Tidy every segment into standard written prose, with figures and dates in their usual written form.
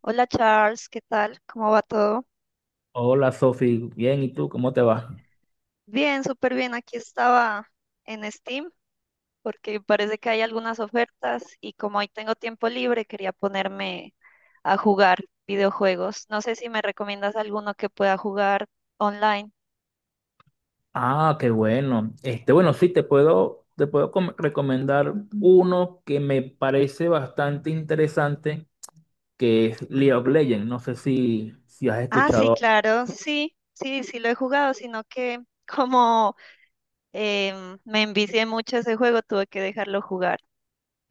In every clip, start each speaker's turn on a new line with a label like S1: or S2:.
S1: Hola, Charles, ¿qué tal? ¿Cómo va todo?
S2: Hola Sofi, bien, ¿y tú cómo te va?
S1: Bien, súper bien. Aquí estaba en Steam porque parece que hay algunas ofertas y como hoy tengo tiempo libre, quería ponerme a jugar videojuegos. No sé si me recomiendas alguno que pueda jugar online.
S2: Ah, qué bueno. Este, bueno, sí, te puedo recomendar uno que me parece bastante interesante, que es League of Legends. No sé si has
S1: Ah, sí,
S2: escuchado.
S1: claro, sí, sí, sí lo he jugado, sino que como me envicié mucho ese juego, tuve que dejarlo jugar.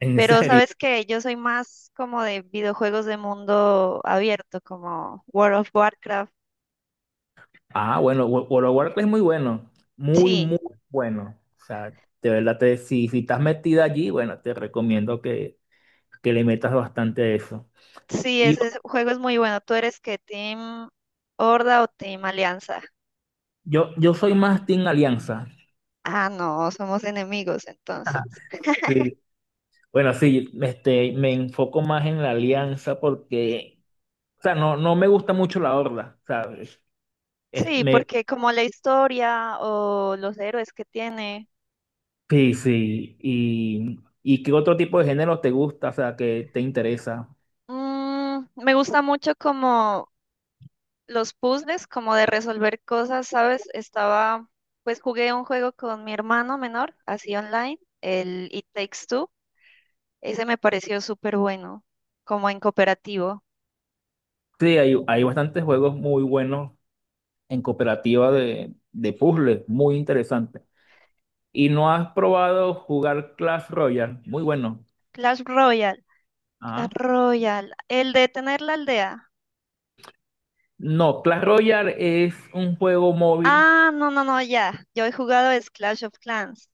S2: En
S1: Pero
S2: serio.
S1: sabes que yo soy más como de videojuegos de mundo abierto, como World of Warcraft.
S2: Ah, bueno, World of Warcraft es muy bueno, muy,
S1: Sí,
S2: muy bueno. O sea, de verdad, si estás metida allí, bueno, te recomiendo que le metas bastante a eso.
S1: sí,
S2: Y yo,
S1: ese juego es muy bueno. ¿Tú eres que Team Horda o Team Alianza?
S2: yo yo soy más Team Alianza.
S1: Ah, no, somos enemigos entonces.
S2: Bueno, sí, este, me enfoco más en la alianza porque, o sea, no me gusta mucho la horda, ¿sabes? Es-
S1: Sí,
S2: me,
S1: porque como la historia o los héroes que tiene,
S2: sí, sí. ¿Y qué otro tipo de género te gusta, o sea, que te interesa?
S1: me gusta mucho como los puzzles, como de resolver cosas, ¿sabes? Estaba, pues jugué un juego con mi hermano menor, así online, el It Takes Two. Ese me pareció súper bueno, como en cooperativo.
S2: Sí, hay bastantes juegos muy buenos en cooperativa de puzzles, muy interesantes. ¿Y no has probado jugar Clash Royale? Muy bueno.
S1: Clash Royale, Clash
S2: Ajá.
S1: Royale, el de tener la aldea.
S2: No, Clash Royale es un juego móvil.
S1: Ah, no, no, no, ya. Yo he jugado es Clash of Clans.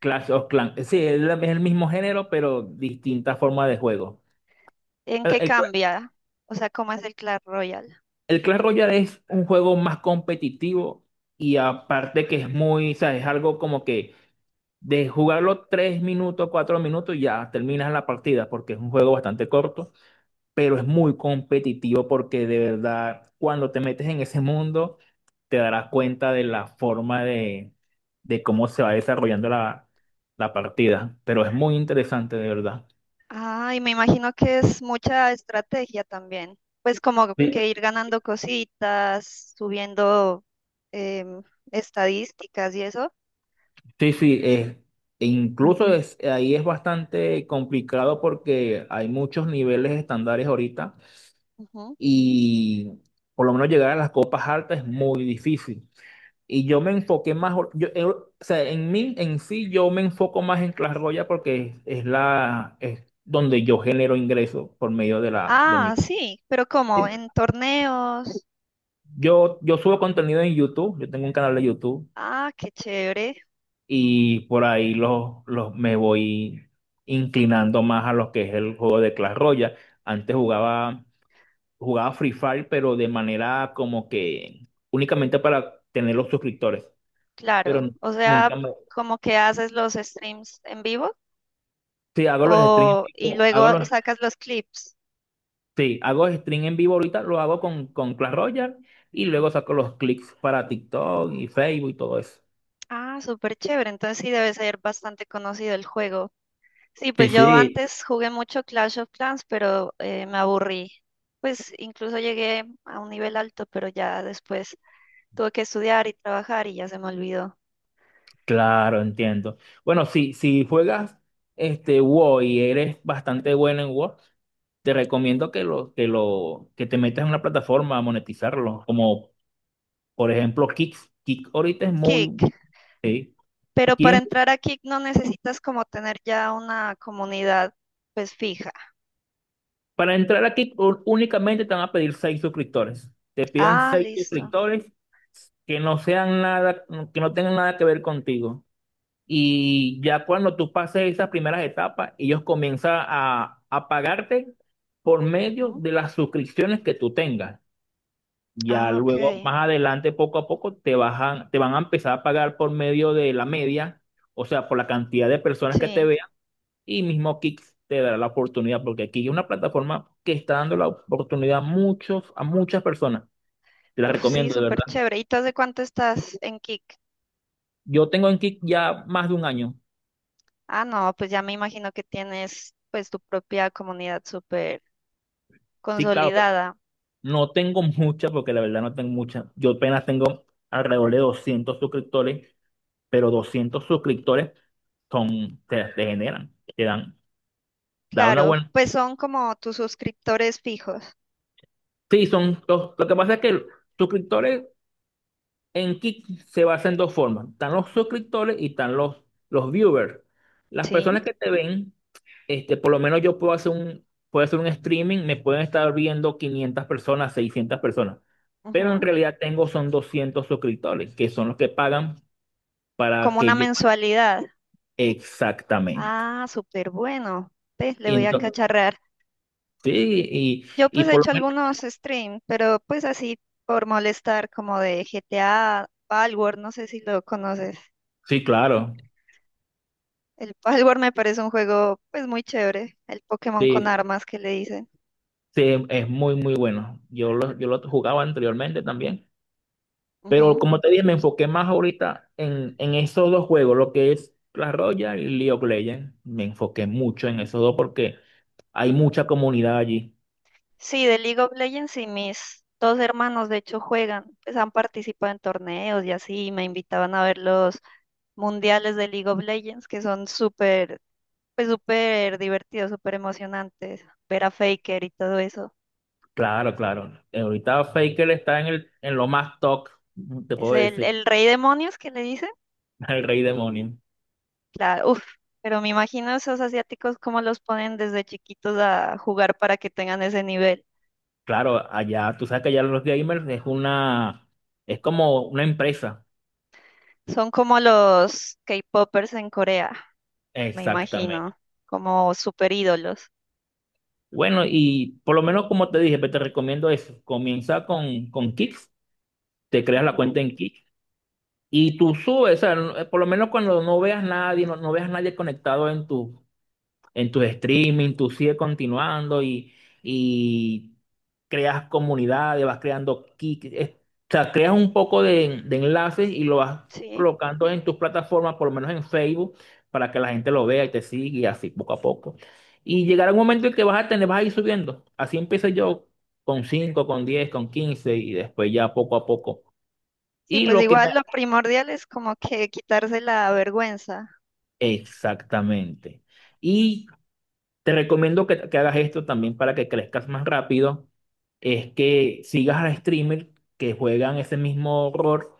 S2: Clash of Clans. Sí, es el mismo género, pero distinta forma de juego.
S1: ¿En
S2: El,
S1: qué
S2: el-
S1: cambia? O sea, ¿cómo es el Clash Royale?
S2: el Clash Royale es un juego más competitivo y aparte que es muy, o sea, es algo como que de jugarlo 3 minutos, 4 minutos, ya terminas la partida porque es un juego bastante corto, pero es muy competitivo porque de verdad cuando te metes en ese mundo te darás cuenta de la forma de cómo se va desarrollando la partida, pero es muy interesante de verdad.
S1: Ah, y me imagino que es mucha estrategia también. Pues como que ir ganando cositas, subiendo em, estadísticas y eso.
S2: Sí, sí, es e incluso ahí es bastante complicado porque hay muchos niveles estándares ahorita
S1: Ujú.
S2: y por lo menos llegar a las copas altas es muy difícil. Y yo me enfoqué más, yo, o sea, en mí, en sí, yo me enfoco más en Clash Royale porque es donde yo genero ingresos por medio de
S1: Ah,
S2: mi.
S1: sí, pero como en torneos.
S2: Yo subo contenido en YouTube, yo tengo un canal de YouTube
S1: Ah, qué chévere.
S2: y por ahí me voy inclinando más a lo que es el juego de Clash Royale. Antes jugaba Free Fire, pero de manera como que únicamente para tener los suscriptores, pero
S1: Claro, o
S2: nunca
S1: sea,
S2: me...
S1: como que haces los streams en vivo
S2: Sí, hago los streams
S1: o,
S2: en
S1: y
S2: vivo,
S1: luego sacas los clips.
S2: sí, hago stream en vivo ahorita, lo hago con Clash Royale y luego saco los clics para TikTok y Facebook y todo eso.
S1: Ah, súper chévere, entonces sí debe ser bastante conocido el juego. Sí,
S2: Sí,
S1: pues yo
S2: sí,
S1: antes jugué mucho Clash of Clans, pero me aburrí. Pues incluso llegué a un nivel alto, pero ya después tuve que estudiar y trabajar y ya se me olvidó.
S2: claro, entiendo. Bueno, si juegas este WoW y eres bastante bueno en WoW, te recomiendo que te metas en una plataforma a monetizarlo, como por ejemplo Kick. Kick ahorita es muy,
S1: Kick,
S2: sí.
S1: pero para
S2: Tien-
S1: entrar a Kick no necesitas como tener ya una comunidad pues fija.
S2: Para entrar a Kick únicamente te van a pedir 6 suscriptores. Te piden
S1: Ah,
S2: seis
S1: listo.
S2: suscriptores que no sean nada, que no tengan nada que ver contigo. Y ya cuando tú pases esas primeras etapas, ellos comienzan a pagarte por medio
S1: Ujú.
S2: de las suscripciones que tú tengas. Ya
S1: Ah,
S2: luego,
S1: ok.
S2: más adelante, poco a poco, te bajan, te van a empezar a pagar por medio de la media, o sea, por la cantidad de personas que te
S1: Sí,
S2: vean, y mismo Kick te dará la oportunidad, porque aquí es una plataforma que está dando la oportunidad a muchas personas. Te la
S1: uf, sí,
S2: recomiendo, de
S1: súper
S2: verdad.
S1: chévere. ¿Y tú hace cuánto estás en Kik?
S2: Yo tengo en Kick ya más de un año.
S1: Ah, no, pues ya me imagino que tienes pues tu propia comunidad súper
S2: Sí, claro, pero
S1: consolidada.
S2: no tengo muchas, porque la verdad no tengo muchas. Yo apenas tengo alrededor de 200 suscriptores, pero 200 suscriptores son, te generan, te dan, da una
S1: Claro,
S2: buena.
S1: pues son como tus suscriptores fijos,
S2: Sí, son dos. Lo que pasa es que los suscriptores en Kick se basan en dos formas. Están los suscriptores y están los viewers. Las
S1: ¿sí?
S2: personas que te ven, este, por lo menos yo puedo hacer un streaming, me pueden estar viendo 500 personas, 600 personas. Pero en
S1: Ujú.
S2: realidad tengo son 200 suscriptores, que son los que pagan para
S1: Como una
S2: que yo...
S1: mensualidad.
S2: Exactamente.
S1: Ah, súper bueno. Ve, le
S2: Y
S1: voy a
S2: entonces,
S1: cacharrar.
S2: sí,
S1: Yo
S2: y
S1: pues he
S2: por lo
S1: hecho
S2: menos...
S1: algunos streams, pero pues así por molestar como de GTA, Palworld, no sé si lo conoces.
S2: Sí, claro.
S1: El Palworld me parece un juego pues muy chévere, el Pokémon con
S2: Sí,
S1: armas que le dicen.
S2: sí, es muy, muy bueno. Yo lo jugaba anteriormente también, pero
S1: Ujú.
S2: como te dije, me enfoqué más ahorita en esos dos juegos, lo que es Clash Royale y League of Legends. Me enfoqué mucho en esos dos porque hay mucha comunidad allí.
S1: Sí, de League of Legends y mis 2 hermanos de hecho juegan, pues han participado en torneos y así, y me invitaban a ver los mundiales de League of Legends que son súper, pues súper divertidos, súper emocionantes, ver a Faker y todo eso.
S2: Claro, claro. Ahorita Faker está en lo más top, te
S1: Es
S2: puedo decir.
S1: el rey demonios que le dicen,
S2: El rey demonio.
S1: claro, uff, pero me imagino esos asiáticos cómo los ponen desde chiquitos a jugar para que tengan ese nivel.
S2: Claro, allá, tú sabes que allá los gamers es como una empresa.
S1: Son como los K-popers en Corea, me
S2: Exactamente.
S1: imagino, como super ídolos.
S2: Bueno, y por lo menos como te dije, pues, te recomiendo eso. Comienza con Kicks, te creas la
S1: Ujú.
S2: cuenta en Kicks y tú subes, o sea, por lo menos cuando no veas nadie, no veas nadie conectado en tu streaming, tú sigues continuando y creas comunidades, o sea, creas un poco de enlaces y lo vas
S1: Sí,
S2: colocando en tus plataformas, por lo menos en Facebook, para que la gente lo vea y te siga y así poco a poco. Y llegará un momento en que vas a ir subiendo. Así empecé yo con cinco, con 10, con 15 y después ya poco a poco.
S1: sí,
S2: Y
S1: pues
S2: lo que me...
S1: igual lo primordial es como que quitarse la vergüenza.
S2: Exactamente. Y te recomiendo que hagas esto también para que crezcas más rápido. Es que sigas a streamers que juegan ese mismo horror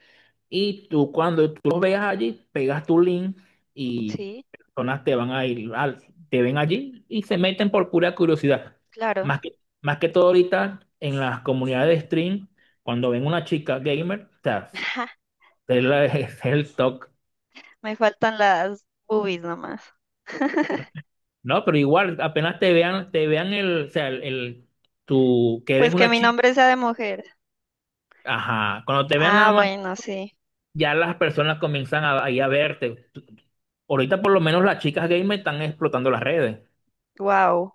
S2: y tú cuando tú los veas allí, pegas tu link y
S1: Sí,
S2: personas te van a ir, al- te ven allí y se meten por pura curiosidad.
S1: claro.
S2: Más que todo ahorita en las comunidades de stream, cuando ven una chica gamer, o sea, es el talk.
S1: Me faltan las boobies nomás.
S2: No, pero igual, te vean o sea, tú que eres
S1: Pues que
S2: una
S1: mi
S2: chica.
S1: nombre sea de mujer.
S2: Ajá, cuando te vean nada
S1: Ah,
S2: más,
S1: bueno, sí.
S2: ya las personas comienzan ahí a verte. Ahorita por lo menos las chicas gamer están explotando las redes.
S1: Wow.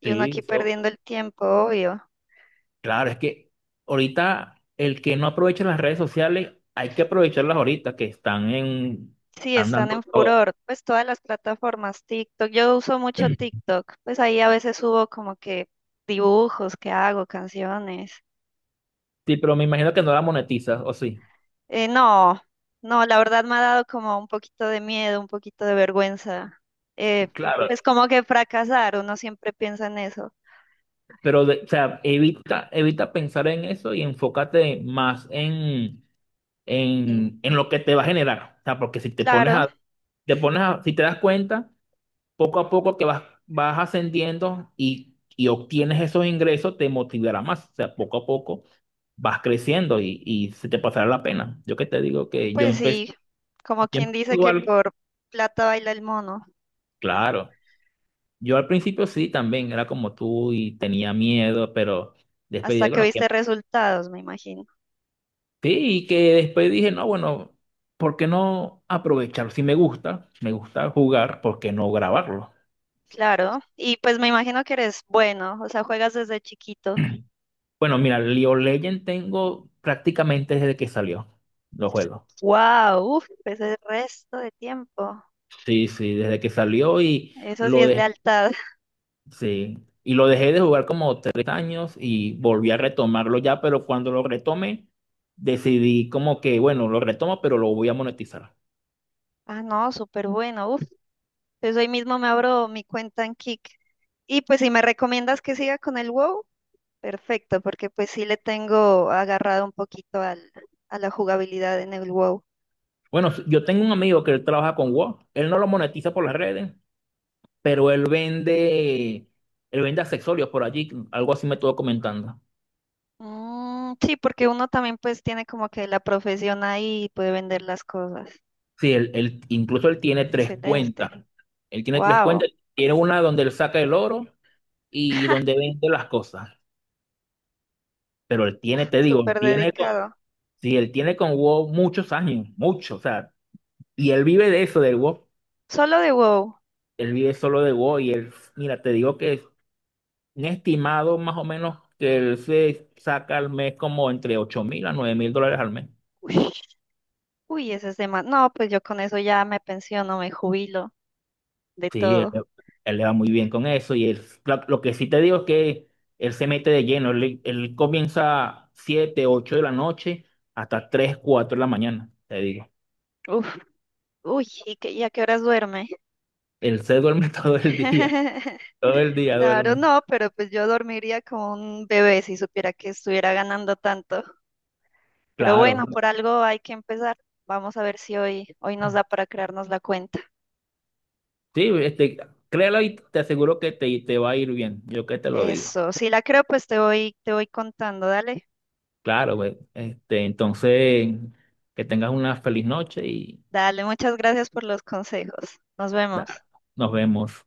S1: Y uno
S2: Sí,
S1: aquí
S2: eso.
S1: perdiendo el tiempo, obvio.
S2: Claro, es que ahorita el que no aprovecha las redes sociales, hay que aprovecharlas ahorita que están
S1: Sí,
S2: están
S1: están
S2: dando
S1: en
S2: todo.
S1: furor, pues todas las plataformas, TikTok, yo uso mucho TikTok, pues ahí a veces subo como que dibujos que hago, canciones.
S2: Sí, pero me imagino que no la monetizas, o sí.
S1: No, no, la verdad me ha dado como un poquito de miedo, un poquito de vergüenza. Eh,
S2: Claro,
S1: pues como que fracasar, uno siempre piensa en eso.
S2: pero o sea, evita pensar en eso y enfócate más en
S1: El...
S2: en lo que te va a generar. O sea, porque si te pones
S1: claro,
S2: a, te pones a, si te das cuenta, poco a poco que vas ascendiendo y obtienes esos ingresos, te motivará más. O sea, poco a poco vas creciendo y se te pasará la pena. Yo que te digo que yo
S1: pues
S2: empecé,
S1: sí, como
S2: yo
S1: quien
S2: empecé
S1: dice que
S2: igual,
S1: por plata baila el mono,
S2: claro. Yo al principio sí también era como tú y tenía miedo, pero después
S1: hasta
S2: dije,
S1: que
S2: bueno,
S1: viste
S2: que
S1: resultados, me imagino.
S2: sí, y que después dije, no, bueno, ¿por qué no aprovechar? Si me gusta jugar, ¿por qué no grabarlo?
S1: Claro, y pues me imagino que eres bueno, o sea, juegas desde chiquito.
S2: Bueno, mira, League of Legends tengo prácticamente desde que salió los juegos.
S1: Wow, uf, pues el resto de tiempo.
S2: Sí, sí, desde que salió y
S1: Eso sí
S2: lo
S1: es
S2: dejé,
S1: lealtad.
S2: sí, y lo dejé de jugar como 3 años y volví a retomarlo ya, pero cuando lo retomé, decidí como que, bueno, lo retomo, pero lo voy a monetizar.
S1: Ah, no, súper bueno. Uf, pues hoy mismo me abro mi cuenta en Kick. Y pues si me recomiendas que siga con el WoW, perfecto, porque pues sí le tengo agarrado un poquito al, a la jugabilidad en el WoW.
S2: Bueno, yo tengo un amigo que él trabaja con WoW, él no lo monetiza por las redes, pero él vende accesorios por allí, algo así me estuvo comentando.
S1: Mm, sí, porque uno también pues tiene como que la profesión ahí y puede vender las cosas.
S2: Sí, incluso él tiene tres cuentas.
S1: Excelente.
S2: Él tiene tres cuentas.
S1: Wow,
S2: Tiene una donde él saca el oro y donde vende las cosas. Pero él tiene, te digo,
S1: súper dedicado.
S2: sí, él tiene con WoW muchos años, muchos, o sea, y él vive de eso, del WoW.
S1: Solo de WoW.
S2: Él vive solo de WoW y mira, te digo que es un estimado más o menos que él se saca al mes como entre 8.000 a 9.000 dólares al mes.
S1: Ush. Uy, ese es demás. No, pues yo con eso ya me pensiono, me jubilo de
S2: Sí,
S1: todo.
S2: él le va muy bien con eso y lo que sí te digo es que él se mete de lleno, él comienza 7 8 de la noche hasta 3 4 de la mañana, te digo.
S1: Uf, uy, ¿y qué, y a qué horas duerme?
S2: Él se duerme todo el día
S1: Claro,
S2: duerme.
S1: no, pero pues yo dormiría como un bebé si supiera que estuviera ganando tanto. Pero
S2: Claro.
S1: bueno, por algo hay que empezar. Vamos a ver si hoy, hoy nos da para crearnos la cuenta.
S2: Sí, este, créelo y te aseguro que te va a ir bien, yo que te lo digo.
S1: Eso, si la creo, pues te voy contando. Dale,
S2: Claro, güey. Este, entonces, que tengas una feliz noche y
S1: dale, muchas gracias por los consejos. Nos
S2: da-
S1: vemos.
S2: nos vemos.